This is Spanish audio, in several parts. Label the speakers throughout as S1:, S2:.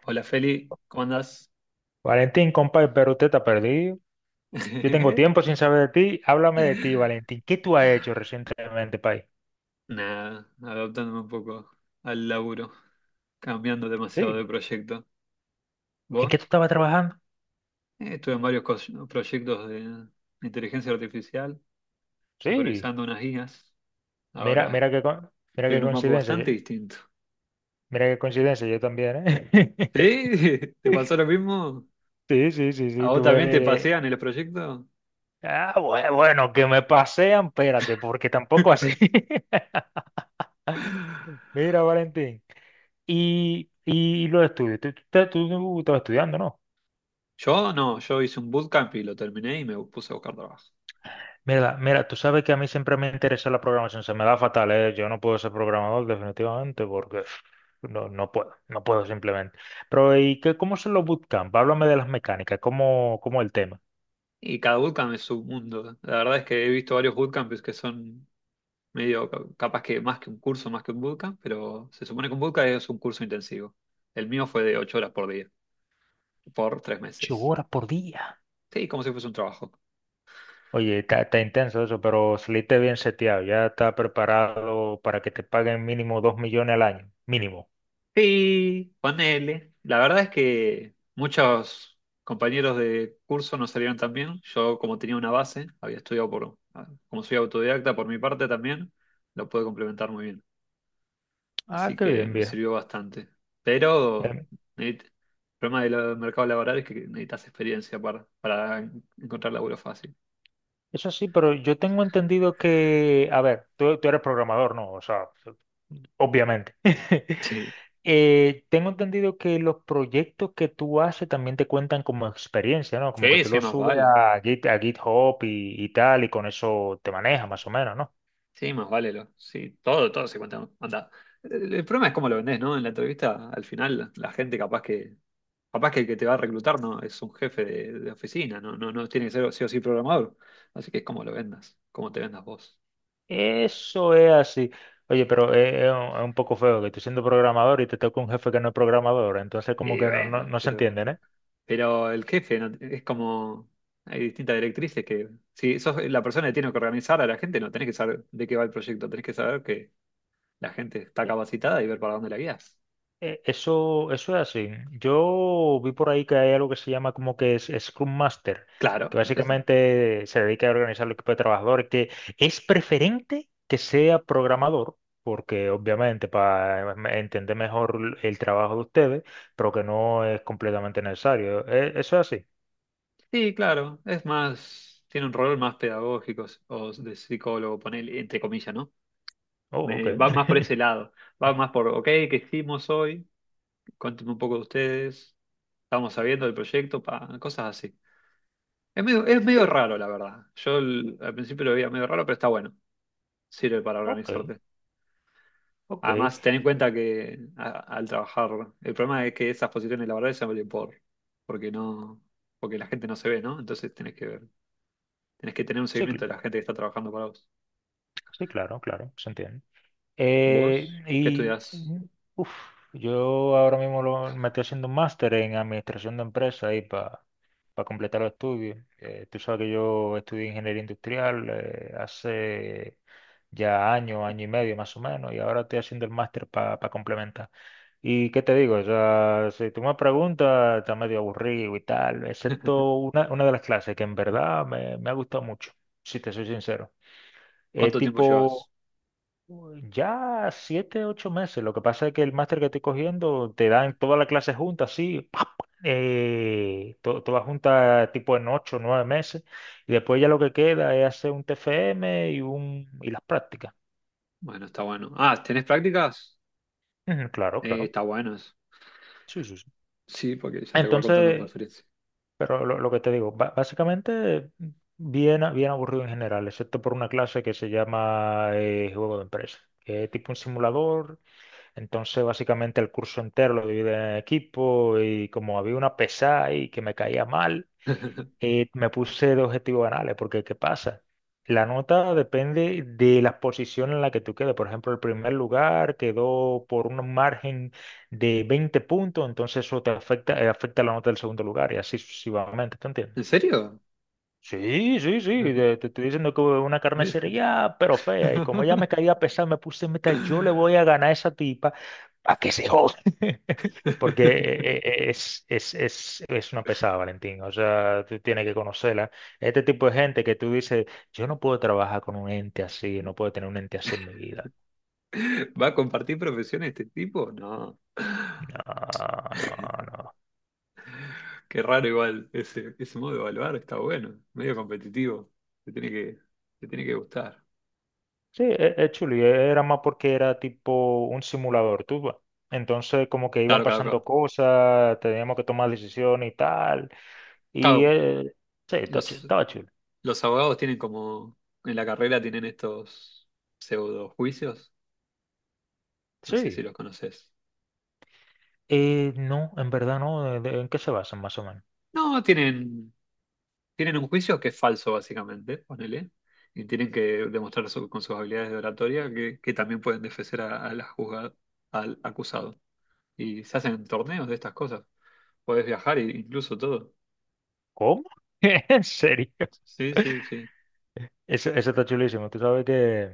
S1: Hola Feli, ¿cómo andás?
S2: Valentín, compa, pero usted está perdido. Yo tengo tiempo sin saber de ti. Háblame de ti, Valentín. ¿Qué tú has hecho recientemente, país?
S1: Nada, adaptándome un poco al laburo, cambiando demasiado de
S2: Sí.
S1: proyecto.
S2: ¿En qué tú
S1: ¿Vos?
S2: estabas trabajando?
S1: Estuve en varios proyectos de inteligencia artificial,
S2: Sí.
S1: supervisando unas guías.
S2: Mira,
S1: Ahora
S2: mira
S1: estoy
S2: qué
S1: en un mambo
S2: coincidencia.
S1: bastante distinto.
S2: Mira qué coincidencia, yo también, ¿eh?
S1: ¿Sí? ¿Te pasó lo mismo?
S2: Sí, sí, sí,
S1: ¿A
S2: sí,
S1: vos
S2: tú
S1: también te
S2: ves.
S1: pasean en los proyectos?
S2: Ah, bueno, que me pasean, espérate, porque tampoco así. Mira, Valentín. Y los estudios. Tú estabas estudiando, ¿no?
S1: Yo no, yo hice un bootcamp y lo terminé y me puse a buscar trabajo.
S2: Mira, mira, tú sabes que a mí siempre me interesa la programación, se me da fatal, ¿eh? Yo no puedo ser programador definitivamente porque no, no puedo, no puedo simplemente. Pero ¿y qué, cómo son los bootcamp? Háblame de las mecánicas, ¿cómo el tema?
S1: Y cada bootcamp es un mundo. La verdad es que he visto varios bootcamps que son medio capaz que más que un curso, más que un bootcamp, pero se supone que un bootcamp es un curso intensivo. El mío fue de ocho horas por día, por tres
S2: Ocho
S1: meses.
S2: horas por día.
S1: Sí, como si fuese un trabajo.
S2: Oye, está intenso eso, pero saliste bien seteado, ya está preparado para que te paguen mínimo 2 millones al año, mínimo.
S1: Sí, ponele. La verdad es que muchos compañeros de curso no salieron tan bien. Yo, como tenía una base, había estudiado por, ah, como soy autodidacta por mi parte también, lo pude complementar muy bien.
S2: Ah,
S1: Así
S2: qué
S1: que
S2: bien,
S1: me
S2: viejo.
S1: sirvió bastante. Pero el problema del mercado laboral es que necesitas experiencia para encontrar laburo fácil.
S2: Eso sí, pero yo tengo entendido que, a ver, tú eres programador, ¿no? O sea, obviamente. Tengo entendido que los proyectos que tú haces también te cuentan como experiencia, ¿no? Como
S1: Sí,
S2: que
S1: sí,
S2: tú
S1: sí,
S2: los
S1: más
S2: subes
S1: vale.
S2: a Git, a GitHub y tal, y con eso te manejas más o menos, ¿no?
S1: Sí, más vale. Sí, todo se cuenta. Anda. El problema es cómo lo vendés, ¿no? En la entrevista, al final, la gente capaz que el que te va a reclutar no es un jefe de oficina, no, no, no tiene que ser sí o sí programador. Así que es cómo lo vendas, cómo te vendas vos.
S2: Eso es así. Oye, pero es un poco feo que tú siendo programador y te toca un jefe que no es programador, entonces como
S1: Y
S2: que no, no,
S1: bueno,
S2: no se entienden, ¿eh?
S1: pero el jefe no- Es como. Hay distintas directrices que. Si sos la persona que tiene que organizar a la gente, no tenés que saber de qué va el proyecto, tenés que saber que la gente está capacitada y ver para dónde la guías.
S2: Eso es así. Yo vi por ahí que hay algo que se llama como que es Scrum Master,
S1: Claro,
S2: que básicamente se dedica a organizar el equipo de trabajadores, que es preferente que sea programador, porque obviamente para entender mejor el trabajo de ustedes, pero que no es completamente necesario. Eso es así.
S1: sí, claro, es más. Tiene un rol más pedagógico o de psicólogo, ponele, entre comillas, ¿no?
S2: Oh, ok.
S1: Va más por ese lado. Va más por, ok, ¿qué hicimos hoy? Cuéntame un poco de ustedes. Estamos sabiendo del proyecto, pa, cosas así. Es medio raro, la verdad. Yo al principio lo veía medio raro, pero está bueno. Sirve para
S2: Ok,
S1: organizarte.
S2: ok.
S1: Además, ten en cuenta que al trabajar, el problema es que esas posiciones laborales se abren porque no, porque la gente no se ve, ¿no? Entonces tenés que tener un
S2: Sí,
S1: seguimiento de la gente que está trabajando para vos.
S2: sí, claro, claro, se entiende.
S1: ¿Vos qué
S2: Y
S1: estudiás?
S2: uf, yo ahora mismo me estoy haciendo un máster en administración de empresas ahí para completar los estudios. Tú sabes que yo estudié ingeniería industrial hace ya año, año y medio más o menos, y ahora estoy haciendo el máster para complementar. ¿Y qué te digo? O sea, si tú me preguntas, está medio aburrido y tal, excepto una de las clases que en verdad me ha gustado mucho, si te soy sincero. Es
S1: ¿Cuánto tiempo
S2: tipo
S1: llevas?
S2: ya 7, 8 meses. Lo que pasa es que el máster que estoy cogiendo te dan toda la clase junta, así, toda junta tipo en 8, 9 meses. Y después ya lo que queda es hacer un TFM y las prácticas.
S1: Bueno, está bueno. Ah, ¿tenés prácticas?
S2: Ujú, claro, claro.
S1: Está bueno eso.
S2: Sí, sí, sí.
S1: Sí, porque ya te voy contando por
S2: Entonces,
S1: experiencia.
S2: pero lo que te digo, básicamente bien, bien aburrido en general, excepto por una clase que se llama Juego de Empresa, que es tipo un simulador. Entonces, básicamente el curso entero lo dividí en equipo y como había una pesada ahí que me caía mal, me puse de objetivos banales, porque ¿qué pasa? La nota depende de la posición en la que tú quedes. Por ejemplo, el primer lugar quedó por un margen de 20 puntos, entonces eso te afecta, afecta la nota del segundo lugar y así sucesivamente, ¿te entiendes?
S1: ¿En serio?
S2: Sí, sí, sí, te estoy diciendo que una
S1: Mira.
S2: carnicería, pero fea. Y como ella me caía pesada, me puse meta, yo le voy a ganar a esa tipa a que se joda. Porque es una pesada, Valentín. O sea, tú tienes que conocerla. Este tipo de gente que tú dices, yo no puedo trabajar con un ente así, no puedo tener un ente así en mi vida.
S1: ¿Va a compartir profesión este tipo? No.
S2: No, no, no.
S1: Qué raro igual, ese modo de evaluar está bueno, medio competitivo, te tiene que, te tiene que gustar.
S2: Sí, es chuli, era más porque era tipo un simulador, tú, va. Entonces, como que iban
S1: Claro, claro,
S2: pasando
S1: claro.
S2: cosas, teníamos que tomar decisiones y tal. Y
S1: Claro,
S2: sí,
S1: los,
S2: estaba chulo.
S1: los abogados tienen como, en la carrera tienen estos pseudo juicios, no sé si
S2: Sí.
S1: los conoces.
S2: No, en verdad no. ¿ En qué se basan más o menos?
S1: No, tienen, tienen un juicio que es falso básicamente, ponele, y tienen que demostrar con sus habilidades de oratoria que también pueden defender a la al acusado. Y se hacen torneos de estas cosas, podés viajar e incluso todo.
S2: ¿Cómo? ¿En serio?
S1: Sí, sí, sí.
S2: Eso está chulísimo. Tú sabes que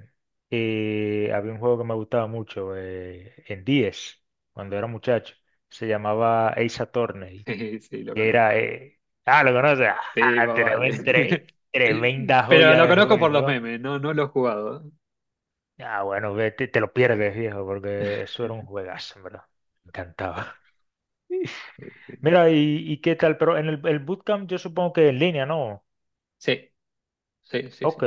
S2: había un juego que me gustaba mucho en 10, cuando era muchacho. Se llamaba Ace Attorney,
S1: Sí, sí, lo conozco.
S2: ah, lo conoces,
S1: Sí,
S2: ah,
S1: más vale.
S2: tremenda
S1: Pero
S2: joya
S1: lo
S2: de
S1: conozco por los
S2: juego.
S1: memes, no, no lo he jugado.
S2: Ah, bueno, ve, te lo pierdes, viejo, porque eso era un juegazo, ¿en verdad? Me encantaba. Mira, y qué tal, pero en el bootcamp yo supongo que en línea, ¿no?
S1: Sí, sí, sí,
S2: Ok.
S1: sí.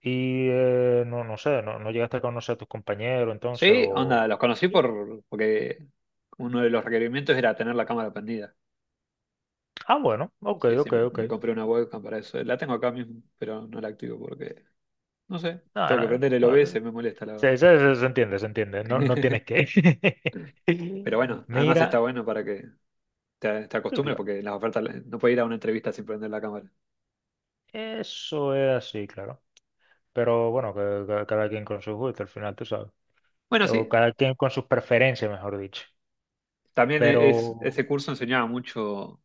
S2: Y no, no sé, no, no llegaste a conocer a tus compañeros entonces
S1: Sí,
S2: o...
S1: onda,
S2: Sí.
S1: porque uno de los requerimientos era tener la cámara prendida.
S2: Ah, bueno, ok,
S1: Sí, sí,
S2: ok, ok.
S1: me compré una webcam para eso. La tengo acá mismo, pero no la activo porque, no sé,
S2: No,
S1: tengo que
S2: no,
S1: prender el
S2: no,
S1: OBS, me molesta la verdad.
S2: se entiende, se entiende. No, no tienes que...
S1: Pero bueno, además está
S2: Mira.
S1: bueno para que te acostumbres porque las ofertas no puedes ir a una entrevista sin prender la cámara.
S2: Eso es así, claro. Pero bueno, cada quien con sus gustos, al final, tú sabes.
S1: Bueno,
S2: O
S1: sí,
S2: cada quien con sus preferencias, mejor dicho.
S1: también
S2: Pero...
S1: ese curso enseñaba mucho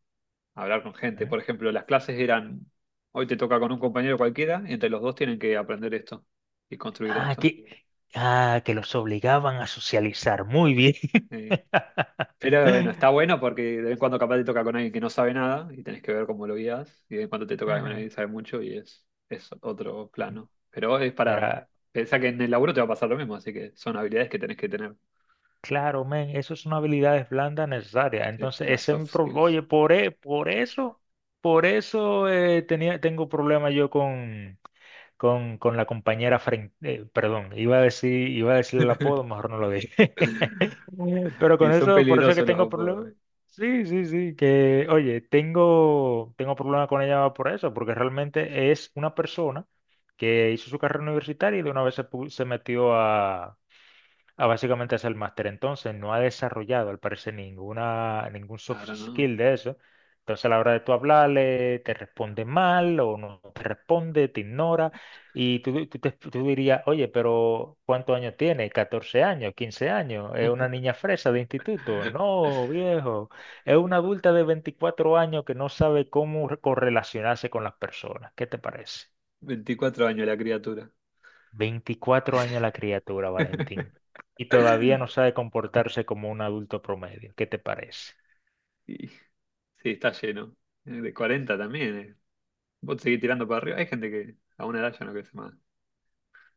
S1: a hablar con gente.
S2: ¿eh?
S1: Por ejemplo, las clases eran, hoy te toca con un compañero cualquiera, y entre los dos tienen que aprender esto y construir
S2: Ah,
S1: esto.
S2: que, ah, que los obligaban a socializar. Muy bien.
S1: Eh, pero bueno, está bueno porque de vez en cuando capaz te toca con alguien que no sabe nada y tenés que ver cómo lo guías, y de vez en cuando te toca con
S2: Ujú.
S1: alguien que sabe mucho y es otro plano. Pero es para,
S2: Mira,
S1: pensá que en el laburo te va a pasar lo mismo, así que son habilidades que tenés que tener,
S2: claro, men, eso es una habilidad blanda necesaria.
S1: sí,
S2: Entonces,
S1: las
S2: ese es
S1: soft skills.
S2: oye, por eso tengo problema yo con la compañera frente, perdón, iba a decir el apodo, mejor no lo dije. Pero con
S1: Y son
S2: eso, por eso es que
S1: peligrosos los
S2: tengo problemas.
S1: apodos.
S2: Sí, sí, sí, que, oye, tengo problemas con ella por eso, porque realmente es una persona que hizo su carrera universitaria y de una vez se metió a. Ah, básicamente es el máster. Entonces, no ha desarrollado, al parecer, ningún soft
S1: Claro, ¿no?
S2: skill de eso. Entonces, a la hora de tú hablarle, te responde mal o no te responde, te ignora. Y tú dirías, oye, pero ¿cuántos años tiene? ¿14 años? ¿15 años? ¿Es una niña fresa de instituto? No, viejo. Es una adulta de 24 años que no sabe cómo correlacionarse con las personas. ¿Qué te parece?
S1: 24 años la criatura.
S2: 24 años la criatura, Valentín, y todavía no sabe comportarse como un adulto promedio. ¿Qué te parece?
S1: Y, sí, está lleno. De 40 también. Vos seguís tirando para arriba. Hay gente que a una edad ya no crece más.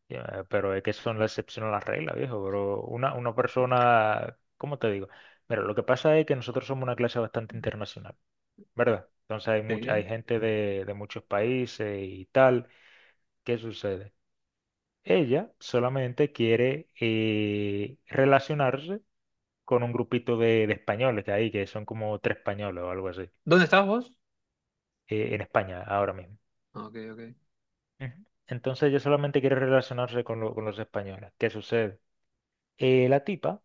S2: Ya, pero es que son la excepción a la regla, viejo. Pero una persona, ¿cómo te digo? Mira, lo que pasa es que nosotros somos una clase bastante internacional, ¿verdad? Entonces
S1: Sí. ¿eh?
S2: hay gente de muchos países y tal. ¿Qué sucede? Ella solamente quiere relacionarse con un grupito de españoles que hay, que son como tres españoles o algo así,
S1: ¿Dónde estás vos?
S2: en España ahora mismo.
S1: Ah, ok, ok.
S2: Ujú. Entonces yo solamente quiero relacionarse con los españoles. ¿Qué sucede? La tipa,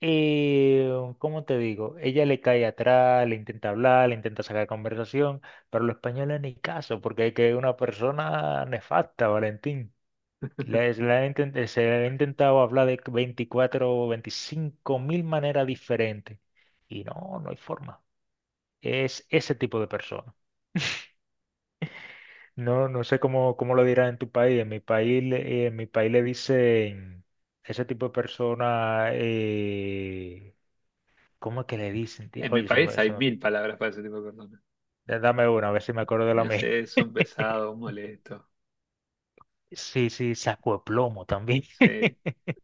S2: eh, ¿cómo te digo? Ella le cae atrás, le intenta hablar, le intenta sacar conversación, pero los españoles ni caso, porque hay que una persona nefasta, Valentín. Les- la han intent- eh, se le ha intentado hablar de 24, o 25 mil maneras diferentes. Y no, no hay forma. Es ese tipo de persona. No, no sé cómo lo dirán en tu país. En mi país, le dicen ese tipo de persona, ¿cómo es que le dicen? ¿Tío?
S1: En mi
S2: Oye,
S1: país hay mil palabras para ese tipo de personas.
S2: dame una, a ver si me acuerdo de la
S1: No
S2: mía.
S1: sé, son pesados, molestos.
S2: Sí, sí, saco de plomo también.
S1: Sí.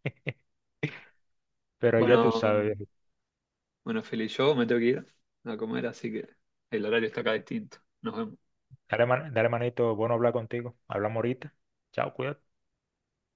S2: Pero ya tú
S1: Bueno,
S2: sabes, viejo.
S1: bueno, Feli, yo me tengo que ir a comer, así que el horario está acá distinto. Nos vemos.
S2: Dale, dale manito, bueno hablar contigo. Hablamos ahorita. Chao, cuídate.